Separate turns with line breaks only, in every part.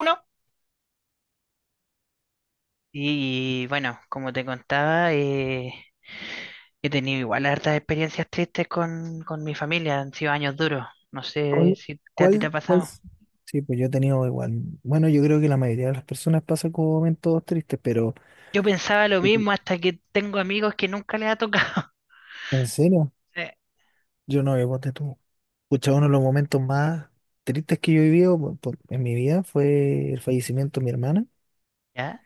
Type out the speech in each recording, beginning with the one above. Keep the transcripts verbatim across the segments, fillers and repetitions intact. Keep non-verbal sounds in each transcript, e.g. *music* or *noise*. Uno. Y bueno, como te contaba, eh, he tenido igual hartas experiencias tristes con, con mi familia, han sido años duros, no sé
¿Cuál,
si te, a ti te ha
cuál, cuál?
pasado.
s- Sí, pues yo he tenido igual. Bueno, yo creo que la mayoría de las personas pasan como momentos tristes, pero
Yo pensaba lo mismo hasta que tengo amigos que nunca les ha tocado.
en serio,
*laughs* Eh,
yo no, yo ponte tú. Escucha, uno de los momentos más tristes que yo he vivido por- por- en mi vida fue el fallecimiento de mi hermana,
¿Ya?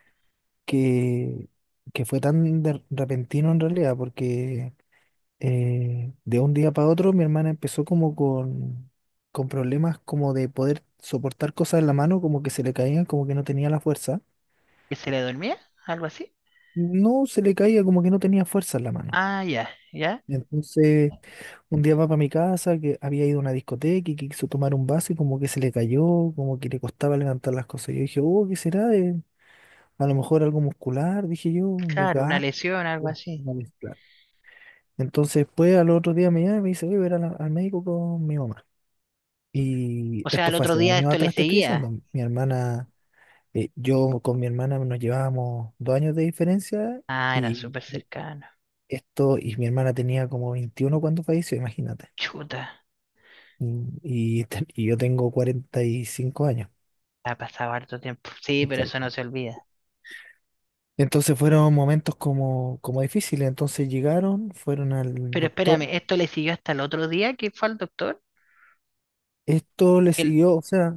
que, que fue tan de- repentino en realidad, porque eh, de un día para otro mi hermana empezó como con, con problemas como de poder soportar cosas en la mano, como que se le caían, como que no tenía la fuerza.
¿Que se le dormía? ¿Algo así?
No se le caía como que no tenía fuerza en la mano.
Ah, ya, ya.
Entonces, un día va para mi casa, que había ido a una discoteca y que quiso tomar un vaso y como que se le cayó, como que le costaba levantar las cosas. Yo dije, oh, ¿qué será? De- a lo mejor algo muscular, dije yo, un
Claro, una
desgaste,
lesión, algo así.
una mezcla. Entonces, después, al otro día me llama y me dice, voy a ver al, al médico con mi mamá. Y
O sea,
esto
al
fue
otro
hace
día
años
esto le
atrás, te estoy
seguía.
diciendo. Mi hermana, eh, yo con mi hermana nos llevábamos dos años de diferencia.
Ah, era
Y
súper cercano.
esto, y mi hermana tenía como veintiuno cuando falleció, imagínate.
Chuta,
Y, y te- y yo tengo cuarenta y cinco años.
ha pasado harto tiempo. Sí, pero eso no
Exacto.
se olvida.
Entonces fueron momentos como, como difíciles. Entonces llegaron, fueron al
Pero
doctor.
espérame, esto le siguió hasta el otro día que fue al doctor.
Esto le
El,
siguió, o sea,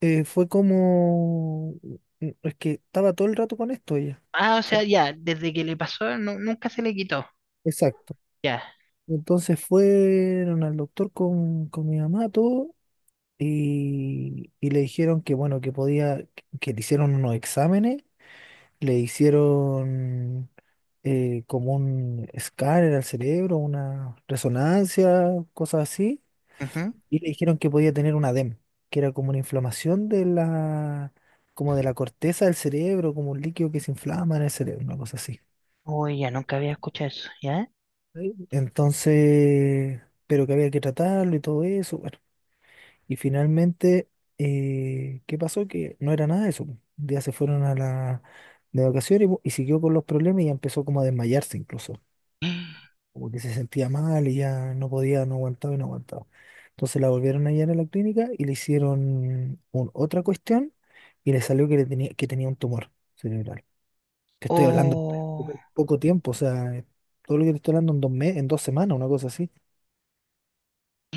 eh, fue como... mm, Es que estaba todo el rato con esto ella.
ah, o
O sea,
sea, ya, desde que le pasó, nu- nunca se le quitó.
exacto.
Ya.
Entonces fueron al doctor con, con mi mamá, todo, y, y le dijeron que, bueno, que podía, que, que le hicieron unos exámenes, le hicieron eh, como un escáner al cerebro, una resonancia, cosas así,
Ujú.
y le dijeron que podía tener un edema, que era como una inflamación de la, como de la corteza del cerebro, como un líquido que se inflama en el cerebro, una cosa así.
Uy, ya nunca había escuchado eso, ¿ya?
Sí. Entonces, pero que había que tratarlo y todo eso, bueno. Y finalmente, eh, ¿qué pasó? Que no era nada de eso. Un día se fueron a la de vacaciones y, bu- y siguió con los problemas y ya empezó como a desmayarse incluso. Como que se sentía mal y ya no podía, no aguantaba y no aguantaba. Entonces la volvieron a llevar a la clínica y le hicieron un- otra cuestión y le salió que, le tenía, que tenía un tumor cerebral. Te estoy hablando
Oh,
súper poco tiempo, o sea, todo lo que te estoy hablando en dos meses, en dos semanas, una cosa así.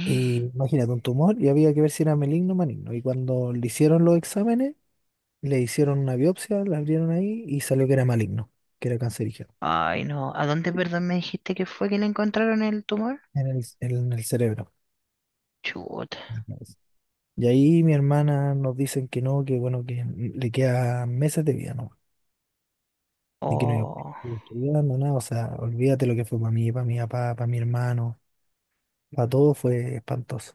Y imagínate, un tumor y había que ver si era maligno o maligno. Y cuando le hicieron los exámenes, le hicieron una biopsia, la abrieron ahí y salió que era maligno, que era cancerígeno
ay, no. ¿A dónde, perdón, me dijiste que fue que le encontraron el tumor?
en el, en el cerebro.
Chuta.
Y ahí mi hermana nos dicen que no, que bueno, que le quedan meses de vida, ¿no? Y que no iba a
Oh,
seguir estudiando, nada, o sea, olvídate lo que fue para mí, para mi papá, para mi hermano, para todo fue espantoso.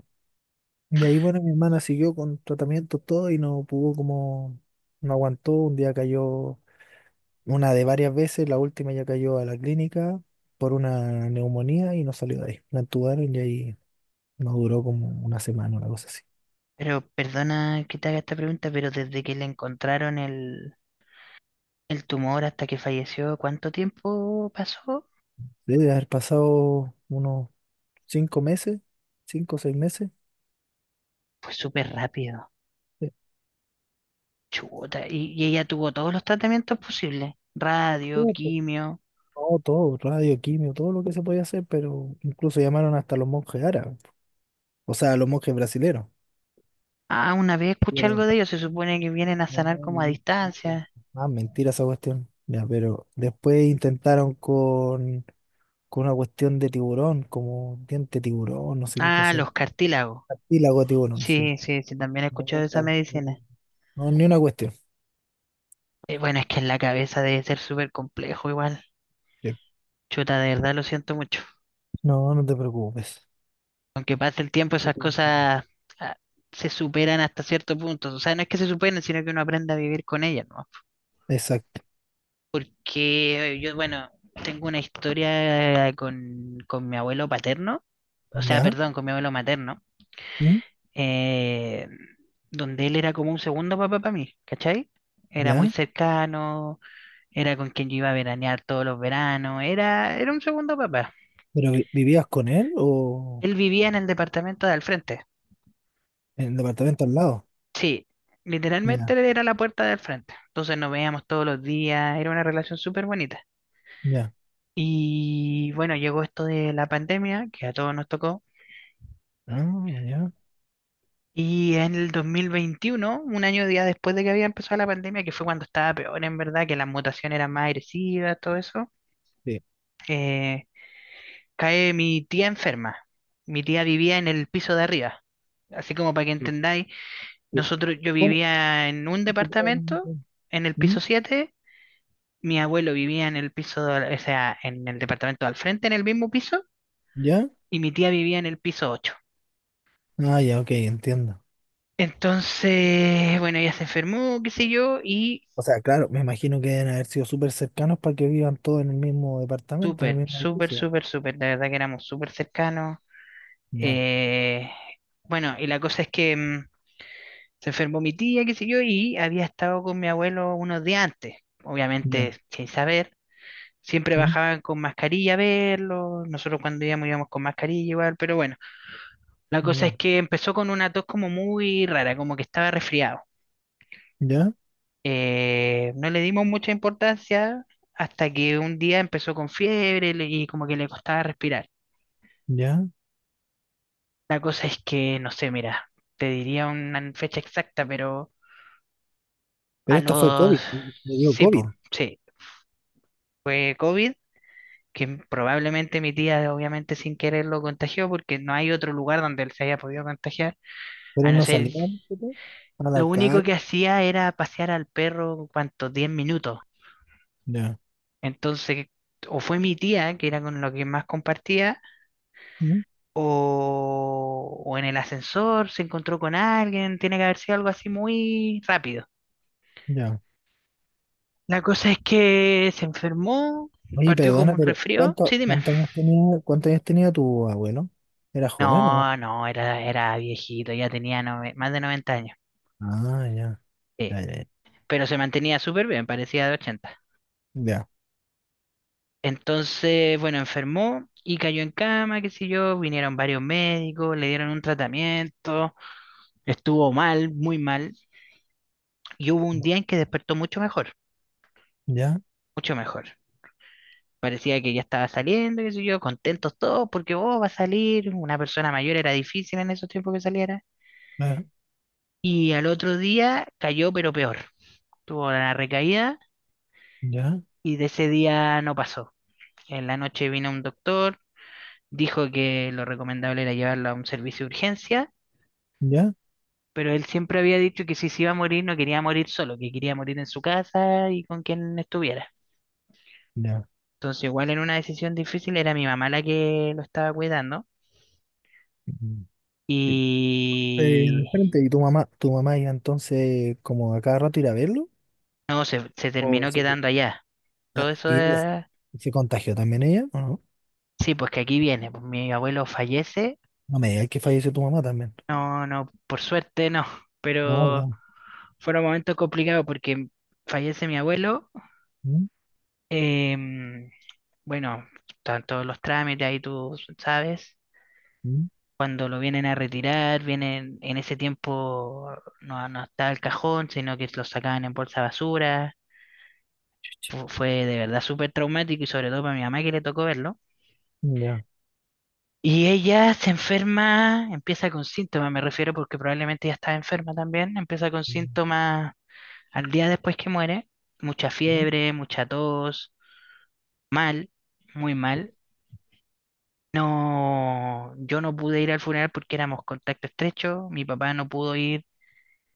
De ahí, bueno, mi hermana siguió con tratamiento todo y no pudo como, no aguantó, un día cayó, una de varias veces, la última ya cayó a la clínica por una neumonía y no salió de ahí. La entubaron y ahí no duró como una semana, una cosa así.
pero perdona que te haga esta pregunta, pero desde que le encontraron el, el tumor hasta que falleció, ¿cuánto tiempo pasó?
Debe haber pasado unos cinco meses, cinco o seis meses.
Fue súper rápido. Chuta, y, y ella tuvo todos los tratamientos posibles, radio,
Estuvo, pues,
quimio.
todo, todo, radio, quimio, todo lo que se podía hacer, pero incluso llamaron hasta los monjes árabes, o sea, los monjes brasileros.
Ah, una vez escuché algo
Pero,
de ellos, se supone que vienen a
no,
sanar como a
no, no, no,
distancia.
más mentira esa cuestión. Ya, pero después intentaron con, con una cuestión de tiburón, como diente de tiburón, no sé qué
Ah,
cosa.
los cartílagos.
Cartílago de tiburón, sí.
Sí, sí, sí, también he escuchado
No,
de esa medicina.
tampoco. No, no, ni una cuestión.
Eh, bueno, es que en la cabeza debe ser súper complejo igual.
Sí.
Chuta, de verdad lo siento mucho.
No, no te preocupes.
Aunque pase el tiempo,
Eso
esas
te-
cosas ah, se superan hasta cierto punto. O sea, no es que se superen, sino que uno aprende a vivir con ellas, ¿no?
Exacto.
Porque eh, yo, bueno, tengo una historia con, con mi abuelo paterno, o sea,
¿Ya?
perdón, con mi abuelo materno,
¿Mm?
eh, donde él era como un segundo papá para mí, ¿cachai? Era muy
¿Ya?
cercano, era con quien yo iba a veranear todos los veranos, era, era un segundo papá.
¿Pero vi- vivías con él o
Él vivía en el departamento de al frente,
en el departamento al lado?
sí, literalmente
Ya,
era la puerta del frente, entonces nos veíamos todos los días, era una relación súper bonita.
ya.
Y bueno, llegó esto de la pandemia, que a todos nos tocó.
Ah, ya.
Y en el dos mil veintiuno, un año día después de que había empezado la pandemia, que fue cuando estaba peor en verdad, que la mutación era más agresiva, todo eso,
Sí.
eh, cae mi tía enferma. Mi tía vivía en el piso de arriba. Así como para que
Sí,
entendáis,
sí.
nosotros, yo
¿Cómo?
vivía en un departamento, en el
¿Mm?
piso siete. Mi abuelo vivía en el piso, de- o sea, en el departamento al frente, en el mismo piso,
¿Ya?
y mi tía vivía en el piso ocho.
Ah, ya, ok, entiendo.
Entonces, bueno, ella se enfermó, qué sé yo, y.
O sea, claro, me imagino que deben haber sido súper cercanos para que vivan todos en el mismo departamento, en el
Súper,
mismo
súper,
edificio.
súper, súper. La verdad que éramos súper cercanos.
Ya,
Eh, bueno, y la cosa es que mm, se enfermó mi tía, qué sé yo, y había estado con mi abuelo unos días antes,
ya.
obviamente sin saber. Siempre
¿Mm?
bajaban con mascarilla a verlo. Nosotros cuando íbamos íbamos con mascarilla igual, pero bueno, la cosa
Ya,
es que empezó con una tos como muy rara, como que estaba resfriado.
ya,
Eh, no le dimos mucha importancia hasta que un día empezó con fiebre le- y como que le costaba respirar.
ya.
La cosa es que, no sé, mira, te diría una fecha exacta, pero a
Pero esto fue
los...
COVID, le dio
Sí,
COVID,
po, sí, fue COVID, que probablemente mi tía obviamente sin querer lo contagió porque no hay otro lugar donde él se haya podido contagiar,
pero
a no
no
ser...
salieron, ¿sí? A la
Lo único
calle.
que hacía era pasear al perro, ¿cuántos? Diez minutos.
Ya,
Entonces, o fue mi tía, que era con lo que más compartía,
¿mm?
o, o en el ascensor se encontró con alguien, tiene que haber sido algo así muy rápido.
Ya.
La cosa es que se enfermó,
Oye,
partió como
perdona,
un
pero
resfrío. Sí,
¿cuánto,
dime.
cuántos años tenía, cuántos años tenía tu abuelo? ¿Era joven o?
No, no, era, era viejito, ya tenía nove- más de noventa años.
Ah, ya,
Sí,
ya, ya,
pero se mantenía súper bien, parecía de ochenta.
ya,
Entonces, bueno, enfermó y cayó en cama, qué sé yo, vinieron varios médicos, le dieron un tratamiento, estuvo mal, muy mal, y hubo un día en que despertó mucho mejor,
ya,
mucho mejor. Parecía que ya estaba saliendo, qué sé yo, contentos todos, porque oh, va a salir, una persona mayor era difícil en esos tiempos que saliera.
ya,
Y al otro día cayó, pero peor. Tuvo la recaída
ya,
y de ese día no pasó. En la noche vino un doctor, dijo que lo recomendable era llevarlo a un servicio de urgencia,
ya,
pero él siempre había dicho que si se iba a morir no quería morir solo, que quería morir en su casa y con quien estuviera.
ya.
Entonces, igual en una decisión difícil, era mi mamá la que lo estaba cuidando
Mm. Sí. Eh, al
y
frente, ¿y tu mamá, tu mamá iba entonces como a cada rato ir a verlo?
no, se, se
¿O
terminó
se quedó?
quedando allá. Todo
Ah,
eso,
¿y ella se
eh,
se contagió también ella? ¿O no?
sí, pues que aquí viene, pues mi abuelo fallece.
No me digas que falleció tu mamá también.
No, no, por suerte no,
No,
pero
no.
fueron momentos complicados porque fallece mi abuelo.
Mm,
em, bueno, están todos los trámites ahí, tú sabes.
mm,
Cuando lo vienen a retirar, vienen en ese tiempo no, no estaba el cajón, sino que lo sacaban en bolsa de basura. Fu- Fue de verdad súper traumático y sobre todo para mi mamá que le tocó verlo.
ya,
Y ella se enferma, empieza con síntomas, me refiero porque probablemente ya estaba enferma también, empieza con
mm,
síntomas. Al día después que muere, mucha
ya,
fiebre, mucha tos, mal, muy
chu,
mal. No, yo no pude ir al funeral porque éramos contacto estrecho, mi papá no pudo ir,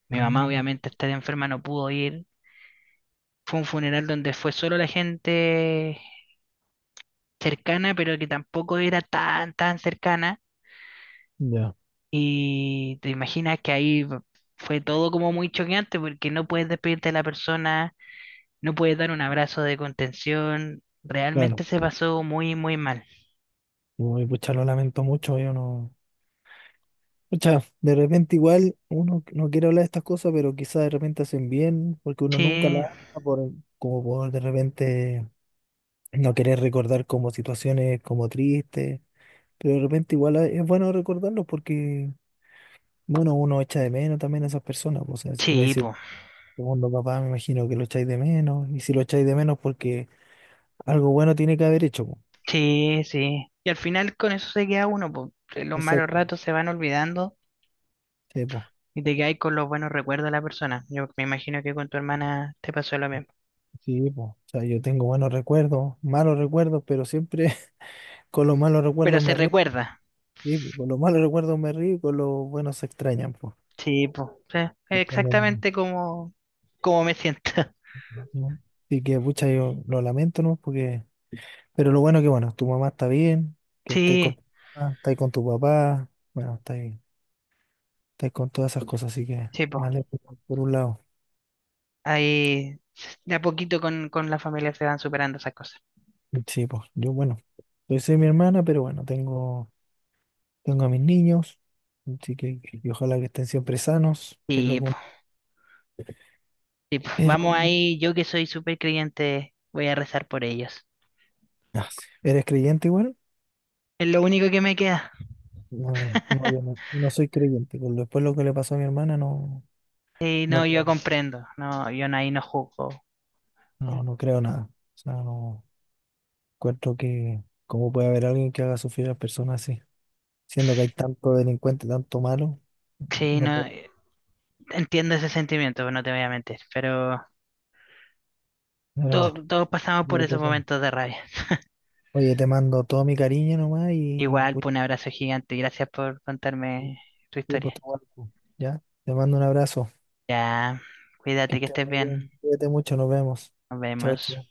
mi mamá
mm,
obviamente estar enferma no pudo ir. Fue un funeral donde fue solo la gente cercana, pero que tampoco era tan, tan cercana.
ya.
Y te imaginas que ahí fue todo como muy choqueante porque no puedes despedirte de la persona, no puedes dar un abrazo de contención.
Bueno,
Realmente se pasó muy, muy mal.
uy, pucha, lo lamento mucho, yo no. Pucha, de repente igual uno no quiere hablar de estas cosas, pero quizás de repente hacen bien, porque uno nunca la
Sí,
habla por, como por de repente no querer recordar como situaciones como tristes, pero de repente igual es bueno recordarlo porque, bueno, uno echa de menos también a esas personas, pues, o sea, si tú me
sí,
dices,
po.
segundo papá, me imagino que lo echáis de menos, y si lo echáis de menos porque algo bueno tiene que haber hecho, po.
Sí, sí. Y al final con eso se queda uno, po. Eh, Los malos
Exacto,
ratos se van olvidando
sí, po.
y te quedas con los buenos recuerdos de la persona. Yo me imagino que con tu hermana te pasó lo mismo.
Sí, po. O sea, yo tengo buenos recuerdos, malos recuerdos, pero siempre *laughs* con los malos
Pero
recuerdos
se
me río.
recuerda.
Sí, pues, con los malos recuerdos me río y con los buenos se extrañan, pues.
Sí, po. Sí,
Cuando...
exactamente como, como me siento. *laughs*
¿no? Así que, pucha, yo lo lamento, ¿no? Porque, pero lo bueno que, bueno, tu mamá está bien, que estáis con
Sí,
tu mamá, estáis con tu papá, bueno, estáis, estáis con todas esas cosas, así que,
sí, po.
vale, por un lado.
Ahí s- de a poquito con, con la familia se van superando esas cosas.
Sí, pues, yo, bueno, yo soy mi hermana, pero bueno, tengo, tengo a mis niños, así que, y ojalá que estén siempre sanos, que es lo
Sí,
que
po.
uno...
Sí, po.
Pero,
Vamos ahí, yo que soy súper creyente, voy a rezar por ellos.
ah, sí. ¿Eres creyente igual?
Es lo único que me queda.
No, eh, no,
*laughs*
yo no, no soy creyente. Con Después lo que le pasó a mi hermana, no,
Sí,
no
no, yo
creo,
comprendo. No, yo no- ahí no juzgo.
no, no creo nada. O sea, no encuentro que cómo puede haber alguien que haga sufrir a las personas así, siendo que hay tanto delincuente, tanto malo,
Sí,
no
no,
puedo.
eh, entiendo ese sentimiento, no te voy a mentir. Pero
Pero bueno,
to- todos pasamos
ya
por
otro
esos
tema.
momentos de rabia.
Oye, te mando todo mi cariño nomás y
Igual,
pues,
pues un abrazo gigante. Gracias por
sí,
contarme tu
sí, pues,
historia.
te guardo, ¿ya? Te mando un abrazo.
Ya,
Que
cuídate que
estés
estés
muy
bien.
bien. Cuídate mucho, nos vemos.
Nos
Chao,
vemos.
chao.